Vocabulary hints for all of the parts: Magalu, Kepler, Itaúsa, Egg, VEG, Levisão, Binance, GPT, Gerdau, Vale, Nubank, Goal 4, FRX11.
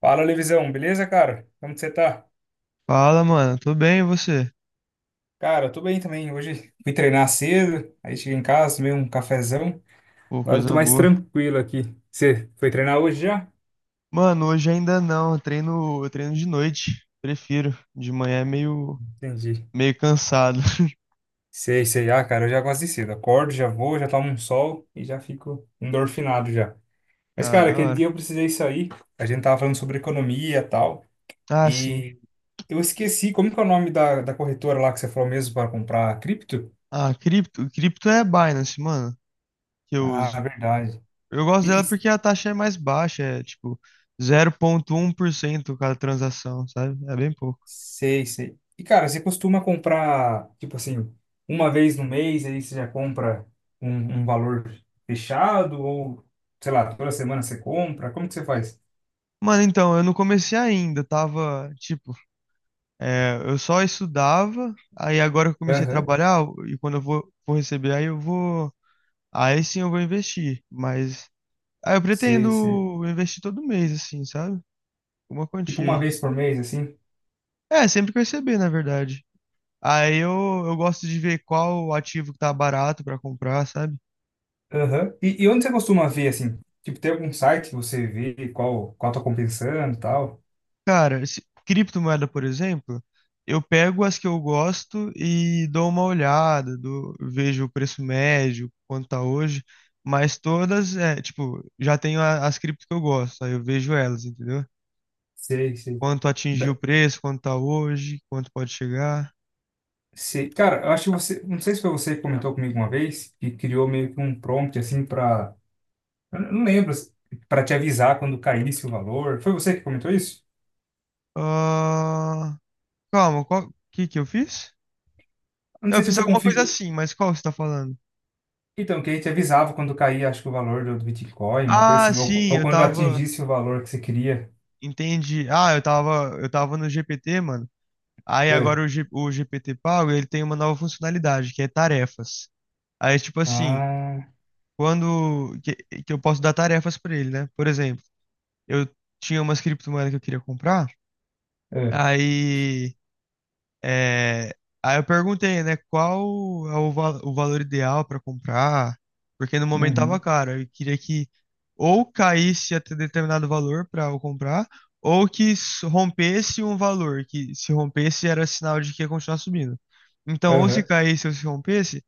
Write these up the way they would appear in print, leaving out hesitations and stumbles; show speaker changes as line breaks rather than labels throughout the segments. Fala, Levisão, beleza, cara? Como que você tá?
Fala, mano. Tô bem, e você?
Cara, tô bem também. Hoje fui treinar cedo, aí cheguei em casa, tomei um cafezão.
Pô,
Agora eu tô
coisa
mais
boa.
tranquilo aqui. Você foi treinar hoje já?
Mano, hoje ainda não. Eu treino de noite. Prefiro. De manhã é meio,
Entendi.
meio cansado.
Sei, sei. Ah, cara, eu já gosto de cedo. Acordo, já vou, já tomo um sol e já fico endorfinado já. Mas,
Ah,
cara,
da
aquele
hora.
dia eu precisei sair. A gente tava falando sobre economia e tal.
Ah, sim.
E eu esqueci, como que é o nome da corretora lá que você falou mesmo para comprar cripto?
Ah, cripto. Cripto é Binance, mano, que eu
Ah,
uso.
verdade.
Eu gosto
E, e
dela porque a taxa é mais baixa, é tipo 0,1% cada transação, sabe? É bem pouco.
Sei, sei. E, cara, você costuma comprar, tipo assim, uma vez no mês, aí você já compra um valor fechado? Ou, sei lá, toda semana você compra? Como que você faz?
Mano, então, eu não comecei ainda, tava, tipo, eu só estudava, aí agora eu comecei a
Aham,
trabalhar, e quando eu vou, vou receber, aí eu vou. Aí sim eu vou investir, mas. Ah, eu
sei, sei.
pretendo investir todo mês, assim, sabe? Uma
Tipo
quantia
uma
aí.
vez por mês, assim?
É, sempre que eu receber, na verdade. Aí eu gosto de ver qual ativo que tá barato pra comprar, sabe?
Aham. E onde você costuma ver, assim? Tipo, tem algum site que você vê qual tá compensando e tal?
Cara, criptomoeda, por exemplo, eu pego as que eu gosto e dou uma olhada, vejo o preço médio, quanto tá hoje, mas todas, é, tipo, já tenho as criptos que eu gosto, aí eu vejo elas, entendeu?
Sei, sei.
Quanto atingiu o
Be-
preço, quanto tá hoje, quanto pode chegar.
Sei. Cara, eu acho que você, não sei se foi você que comentou comigo uma vez, que criou meio que um prompt, assim, pra, eu não lembro, para te avisar quando caísse o valor. Foi você que comentou isso?
Ah, calma, qual que eu fiz?
Eu não
Eu
sei se
fiz
você
alguma coisa
configurou.
assim, mas qual você tá falando?
Então, que aí te avisava quando caía, acho que o valor do Bitcoin, uma coisa
Ah,
assim, ou,
sim,
ou
eu
quando
tava,
atingisse o valor que você queria.
entendi. Ah, eu tava no GPT, mano. Aí agora
É.
o, o GPT pago, ele tem uma nova funcionalidade, que é tarefas. Aí tipo assim,
Ah,
quando que, que eu posso dar tarefas pra ele, né? Por exemplo, eu tinha umas criptomoedas que eu queria comprar,
é.
aí. É, aí eu perguntei, né, qual é o, o valor ideal para comprar, porque no momento tava
Uhum.
caro. Eu queria que ou caísse até determinado valor para eu comprar, ou que rompesse um valor, que se rompesse era sinal de que ia continuar subindo. Então, ou se
Aham.
caísse ou se rompesse,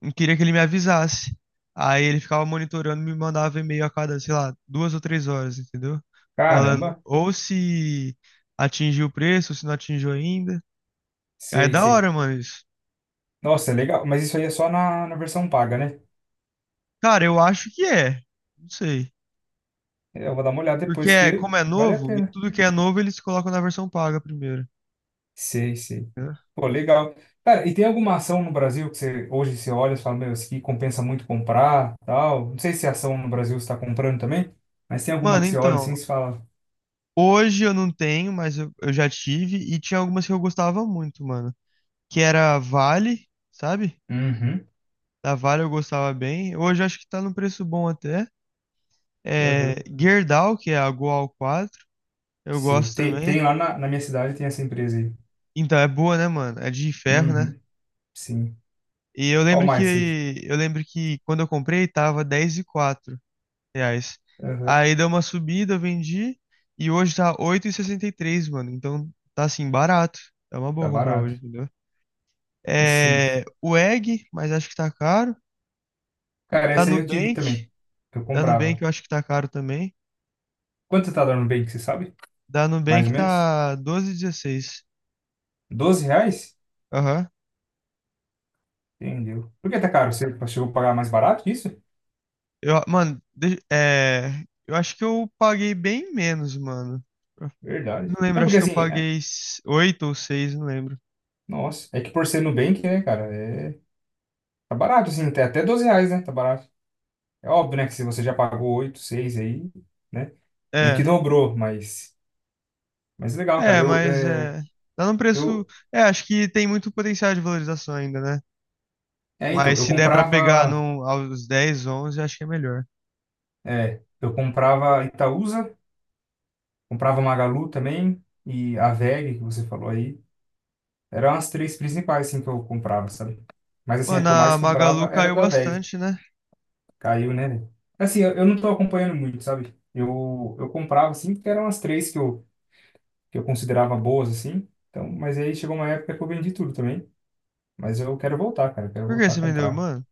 eu queria que ele me avisasse. Aí ele ficava monitorando, me mandava e-mail a cada, sei lá, duas ou três horas, entendeu? Falando
Caramba,
ou se atingiu o preço, ou se não atingiu ainda. Ah, é
sei,
da
sei.
hora, mano, isso.
Nossa, é legal, mas isso aí é só na versão paga, né?
Cara, eu acho que é. Não sei.
Eu vou dar uma olhada
Porque
depois
é,
que
como é
vale a
novo, e
pena.
tudo que é novo eles colocam na versão paga primeiro,
Sei, sei.
né?
Pô, legal. Cara, e tem alguma ação no Brasil que você hoje você olha e fala, meu, isso aqui compensa muito comprar, tal? Não sei se é ação no Brasil você está comprando também, mas tem alguma
Mano,
que você olha assim e
então,
você fala?
hoje eu não tenho, mas eu já tive e tinha algumas que eu gostava muito, mano. Que era a Vale, sabe?
Uhum,
Da Vale eu gostava bem. Hoje eu acho que tá num preço bom até. É,
uhum,
Gerdau, que é a Goal 4, eu
sei.
gosto
Tem
também.
lá na minha cidade, tem essa empresa aí.
Então, é boa, né, mano? É de ferro, né?
Uhum, sim.
E eu
Qual
lembro que
mais você?
eu lembro que quando eu comprei tava 10,04 reais.
Uhum,
Aí deu uma subida, eu vendi. E hoje tá oito e sessenta e três, mano. Então tá assim, barato. É uma
tá
boa comprar
barato.
hoje, entendeu?
É, sim.
É, o Egg, mas acho que tá caro.
Cara,
Da
essa aí eu tive
Nubank.
também. Eu
Da Nubank
comprava.
eu acho que tá caro também.
Quanto tá dando bem, que você sabe?
Da
Mais
Nubank
ou menos?
tá 12,16.
R$ 12?
Aham.
Entendeu. Por que tá caro? Você chegou a pagar mais barato que isso?
Eu, mano, eu acho que eu paguei bem menos, mano.
Verdade.
Não
É
lembro,
porque
acho que eu
assim,
paguei 8 ou 6, não lembro.
nossa, é que por ser Nubank, né, cara, é, tá barato, assim, até R$ 12, né, tá barato. É óbvio, né, que se você já pagou 8 6 aí, né, meio que
É.
dobrou, mas legal, cara,
É, mas é, tá num preço.
eu,
É, acho que tem muito potencial de valorização ainda, né?
então,
Mas se der pra pegar num, aos 10, 11, acho que é melhor.
eu comprava Itaúsa, comprava Magalu também, e a VEG, que você falou aí, eram as três principais, assim, que eu comprava, sabe? Mas, assim, a
Mano,
que eu
a
mais comprava
Magalu
era
caiu
da VEG.
bastante, né?
Caiu, né? Velho? Assim, eu não tô acompanhando muito, sabe? Eu comprava, assim, porque eram as três que eu considerava boas, assim. Então, mas aí chegou uma época que eu vendi tudo também. Mas eu quero voltar, cara. Eu quero
Por que
voltar a
você vendeu,
comprar.
mano?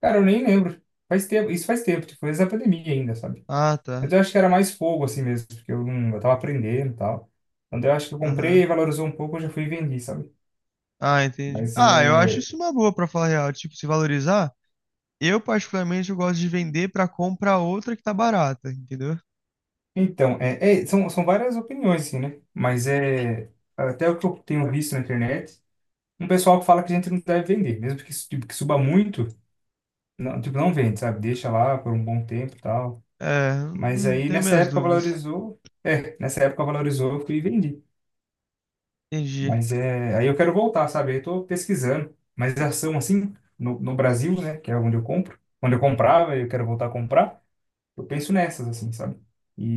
Cara, eu nem lembro. Faz tempo, isso faz tempo, tipo, antes da pandemia ainda, sabe?
Ah,
Mas
tá.
eu acho que era mais fogo, assim mesmo, porque eu, não, eu tava aprendendo e tal. Quando eu acho que eu
Aham.
comprei, valorizou um pouco, eu já fui e vendi, sabe?
Ah, entendi.
Mas
Ah, eu acho
é.
isso uma boa pra falar a real. Tipo, se valorizar, eu particularmente eu gosto de vender pra comprar outra que tá barata, entendeu?
Então, são várias opiniões, assim, né? Mas é. Até o que eu tenho visto na internet. Um pessoal que fala que a gente não deve vender, mesmo que, tipo, que suba muito, não, tipo, não vende, sabe? Deixa lá por um bom tempo e tal.
É,
Mas aí
tenho
nessa
minhas
época
dúvidas.
valorizou, nessa época valorizou, eu fui e vendi.
Entendi.
Mas é, aí eu quero voltar, sabe? Eu tô pesquisando, mas ação assim, no Brasil, né, que é onde eu compro, onde eu comprava e eu quero voltar a comprar, eu penso nessas, assim, sabe?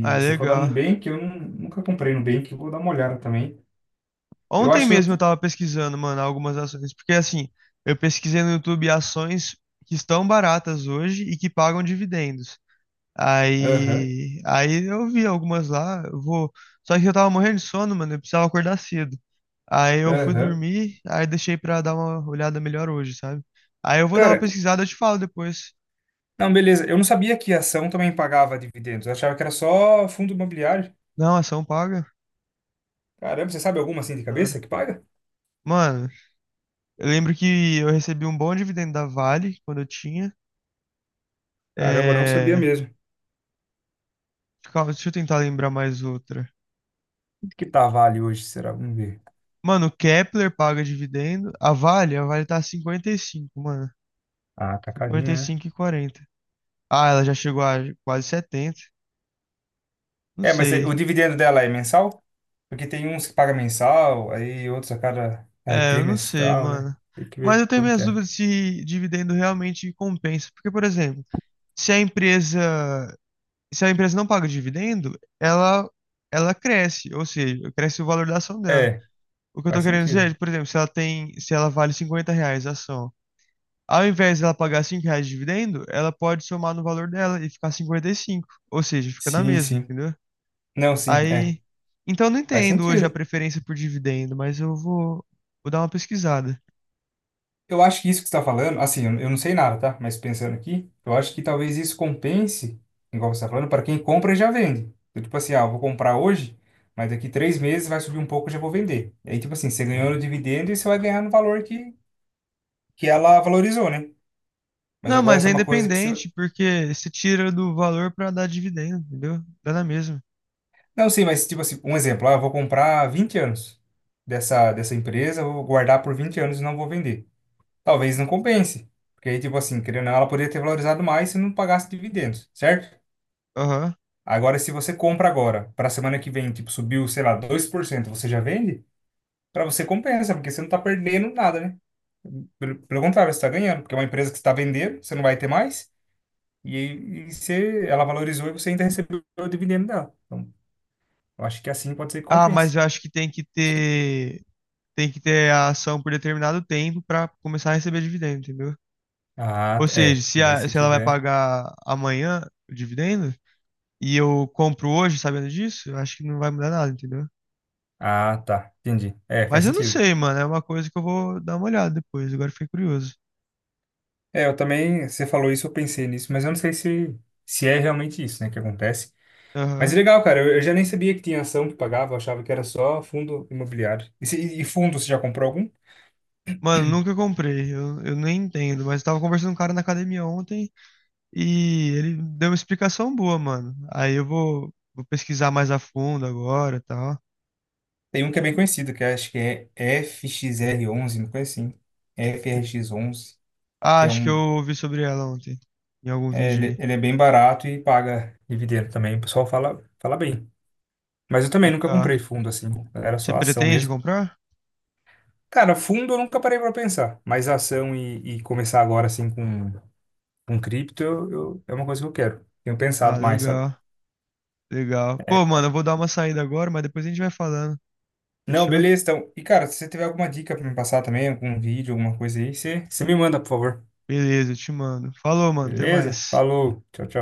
Ah,
se for dar
legal.
Nubank, eu nunca comprei Nubank, eu vou dar uma olhada também. Eu
Ontem
acho
mesmo
que
eu
eu...
tava pesquisando, mano, algumas ações, porque assim, eu pesquisei no YouTube ações que estão baratas hoje e que pagam dividendos.
Aham,
Aí eu vi algumas lá, eu vou, só que eu tava morrendo de sono, mano, eu precisava acordar cedo. Aí eu fui
aham.
dormir, aí deixei pra dar uma olhada melhor hoje, sabe? Aí eu vou dar uma
Cara,
pesquisada, eu te falo depois.
não, beleza. Eu não sabia que a ação também pagava dividendos. Eu achava que era só fundo imobiliário.
Não, ação paga?
Caramba, você sabe alguma assim de
Da
cabeça
hora.
que paga?
Mano, eu lembro que eu recebi um bom dividendo da Vale quando eu tinha.
Caramba, eu não sabia
é,
mesmo.
Calma, deixa eu tentar lembrar mais outra.
Quanto que tá a Vale hoje, será? Vamos ver.
Mano, o Kepler paga dividendo. A Vale tá 55, mano.
Ah, tá carinho,
Cinquenta e
né?
cinco e quarenta. Ah, ela já chegou a quase 70. Não
É, mas
sei.
o dividendo dela é mensal? Porque tem uns que pagam mensal, aí outros a cada
É, eu não sei,
trimestral, né?
mano.
Tem que
Mas
ver
eu tenho
como
minhas
que é.
dúvidas se dividendo realmente compensa. Porque, por exemplo, se a empresa, se a empresa não paga dividendo, ela cresce, ou seja, cresce o valor da ação dela.
É,
O que eu tô
faz
querendo dizer é,
sentido.
por exemplo, se ela vale 50 reais a ação, ao invés dela pagar 5 reais de dividendo, ela pode somar no valor dela e ficar 55. Ou seja, fica na
Sim,
mesma,
sim.
entendeu?
Não, sim, é.
Aí. Então eu não
Faz
entendo hoje a
sentido.
preferência por dividendo, mas eu vou, vou dar uma pesquisada.
Eu acho que isso que você está falando, assim, eu não sei nada, tá? Mas pensando aqui, eu acho que talvez isso compense, igual você está falando, para quem compra e já vende. Então, tipo assim, ah, eu vou comprar hoje, mas daqui 3 meses vai subir um pouco e já vou vender. E aí, tipo assim, você ganhou no dividendo e você vai ganhar no valor que ela valorizou, né? Mas
Não,
agora
mas
essa
é
é uma coisa que você.
independente, porque você tira do valor pra dar dividendo, entendeu? Dá na mesma.
Não, sim, mas tipo assim, um exemplo, ah, eu vou comprar 20 anos dessa empresa, eu vou guardar por 20 anos e não vou vender. Talvez não compense. Porque aí, tipo assim, querendo ou não, ela poderia ter valorizado mais se não pagasse dividendos, certo?
Aham.
Agora, se você compra agora, para semana que vem, tipo, subiu, sei lá, 2% você já vende? Para você compensa, porque você não tá perdendo nada, né? Pelo contrário, você tá ganhando, porque é uma empresa que está vendendo, você não vai ter mais, e, aí, e você, ela valorizou e você ainda recebeu o dividendo dela. Então, eu acho que assim pode ser que
Ah, mas
compense.
eu acho que tem que ter. Tem que ter a ação por determinado tempo pra começar a receber dividendo, entendeu?
Ah,
Ou
tá,
seja,
é. Daí se
se ela vai
tiver.
pagar amanhã o dividendo, e eu compro hoje sabendo disso, eu acho que não vai mudar nada, entendeu?
Ah, tá. Entendi. É,
Mas
faz
eu não
sentido.
sei, mano. É uma coisa que eu vou dar uma olhada depois. Agora eu fiquei curioso.
É, eu também, você falou isso, eu pensei nisso, mas eu não sei se é realmente isso, né, que acontece. Mas
Aham.
é legal, cara. Eu já nem sabia que tinha ação que pagava, eu achava que era só fundo imobiliário. E, e fundo, você já comprou algum?
Mano, nunca comprei. Eu nem entendo. Mas eu tava conversando com um cara na academia ontem e ele deu uma explicação boa, mano. Aí eu vou, vou pesquisar mais a fundo agora e tal.
Tem um que é bem conhecido, que acho que é FXR11, uma coisa assim. FRX11,
Ah,
que é
acho que eu
um.
ouvi sobre ela ontem. Em algum
É,
vídeo
ele,
aí.
ele é bem barato e paga dividendo também. O pessoal fala, fala bem. Mas eu também nunca
Legal.
comprei fundo assim. Era
Você
só ação
pretende
mesmo.
comprar?
Cara, fundo eu nunca parei pra pensar. Mas ação e começar agora assim com cripto é uma coisa que eu quero. Tenho
Ah,
pensado mais, sabe?
legal. Legal. Pô, mano, eu vou dar uma saída agora, mas depois a gente vai falando.
Não,
Fechou?
beleza, então. E, cara, se você tiver alguma dica pra me passar também, algum vídeo, alguma coisa aí, você me manda, por favor.
Beleza, eu te mando. Falou, mano, até
Beleza?
mais.
Falou. Tchau, tchau.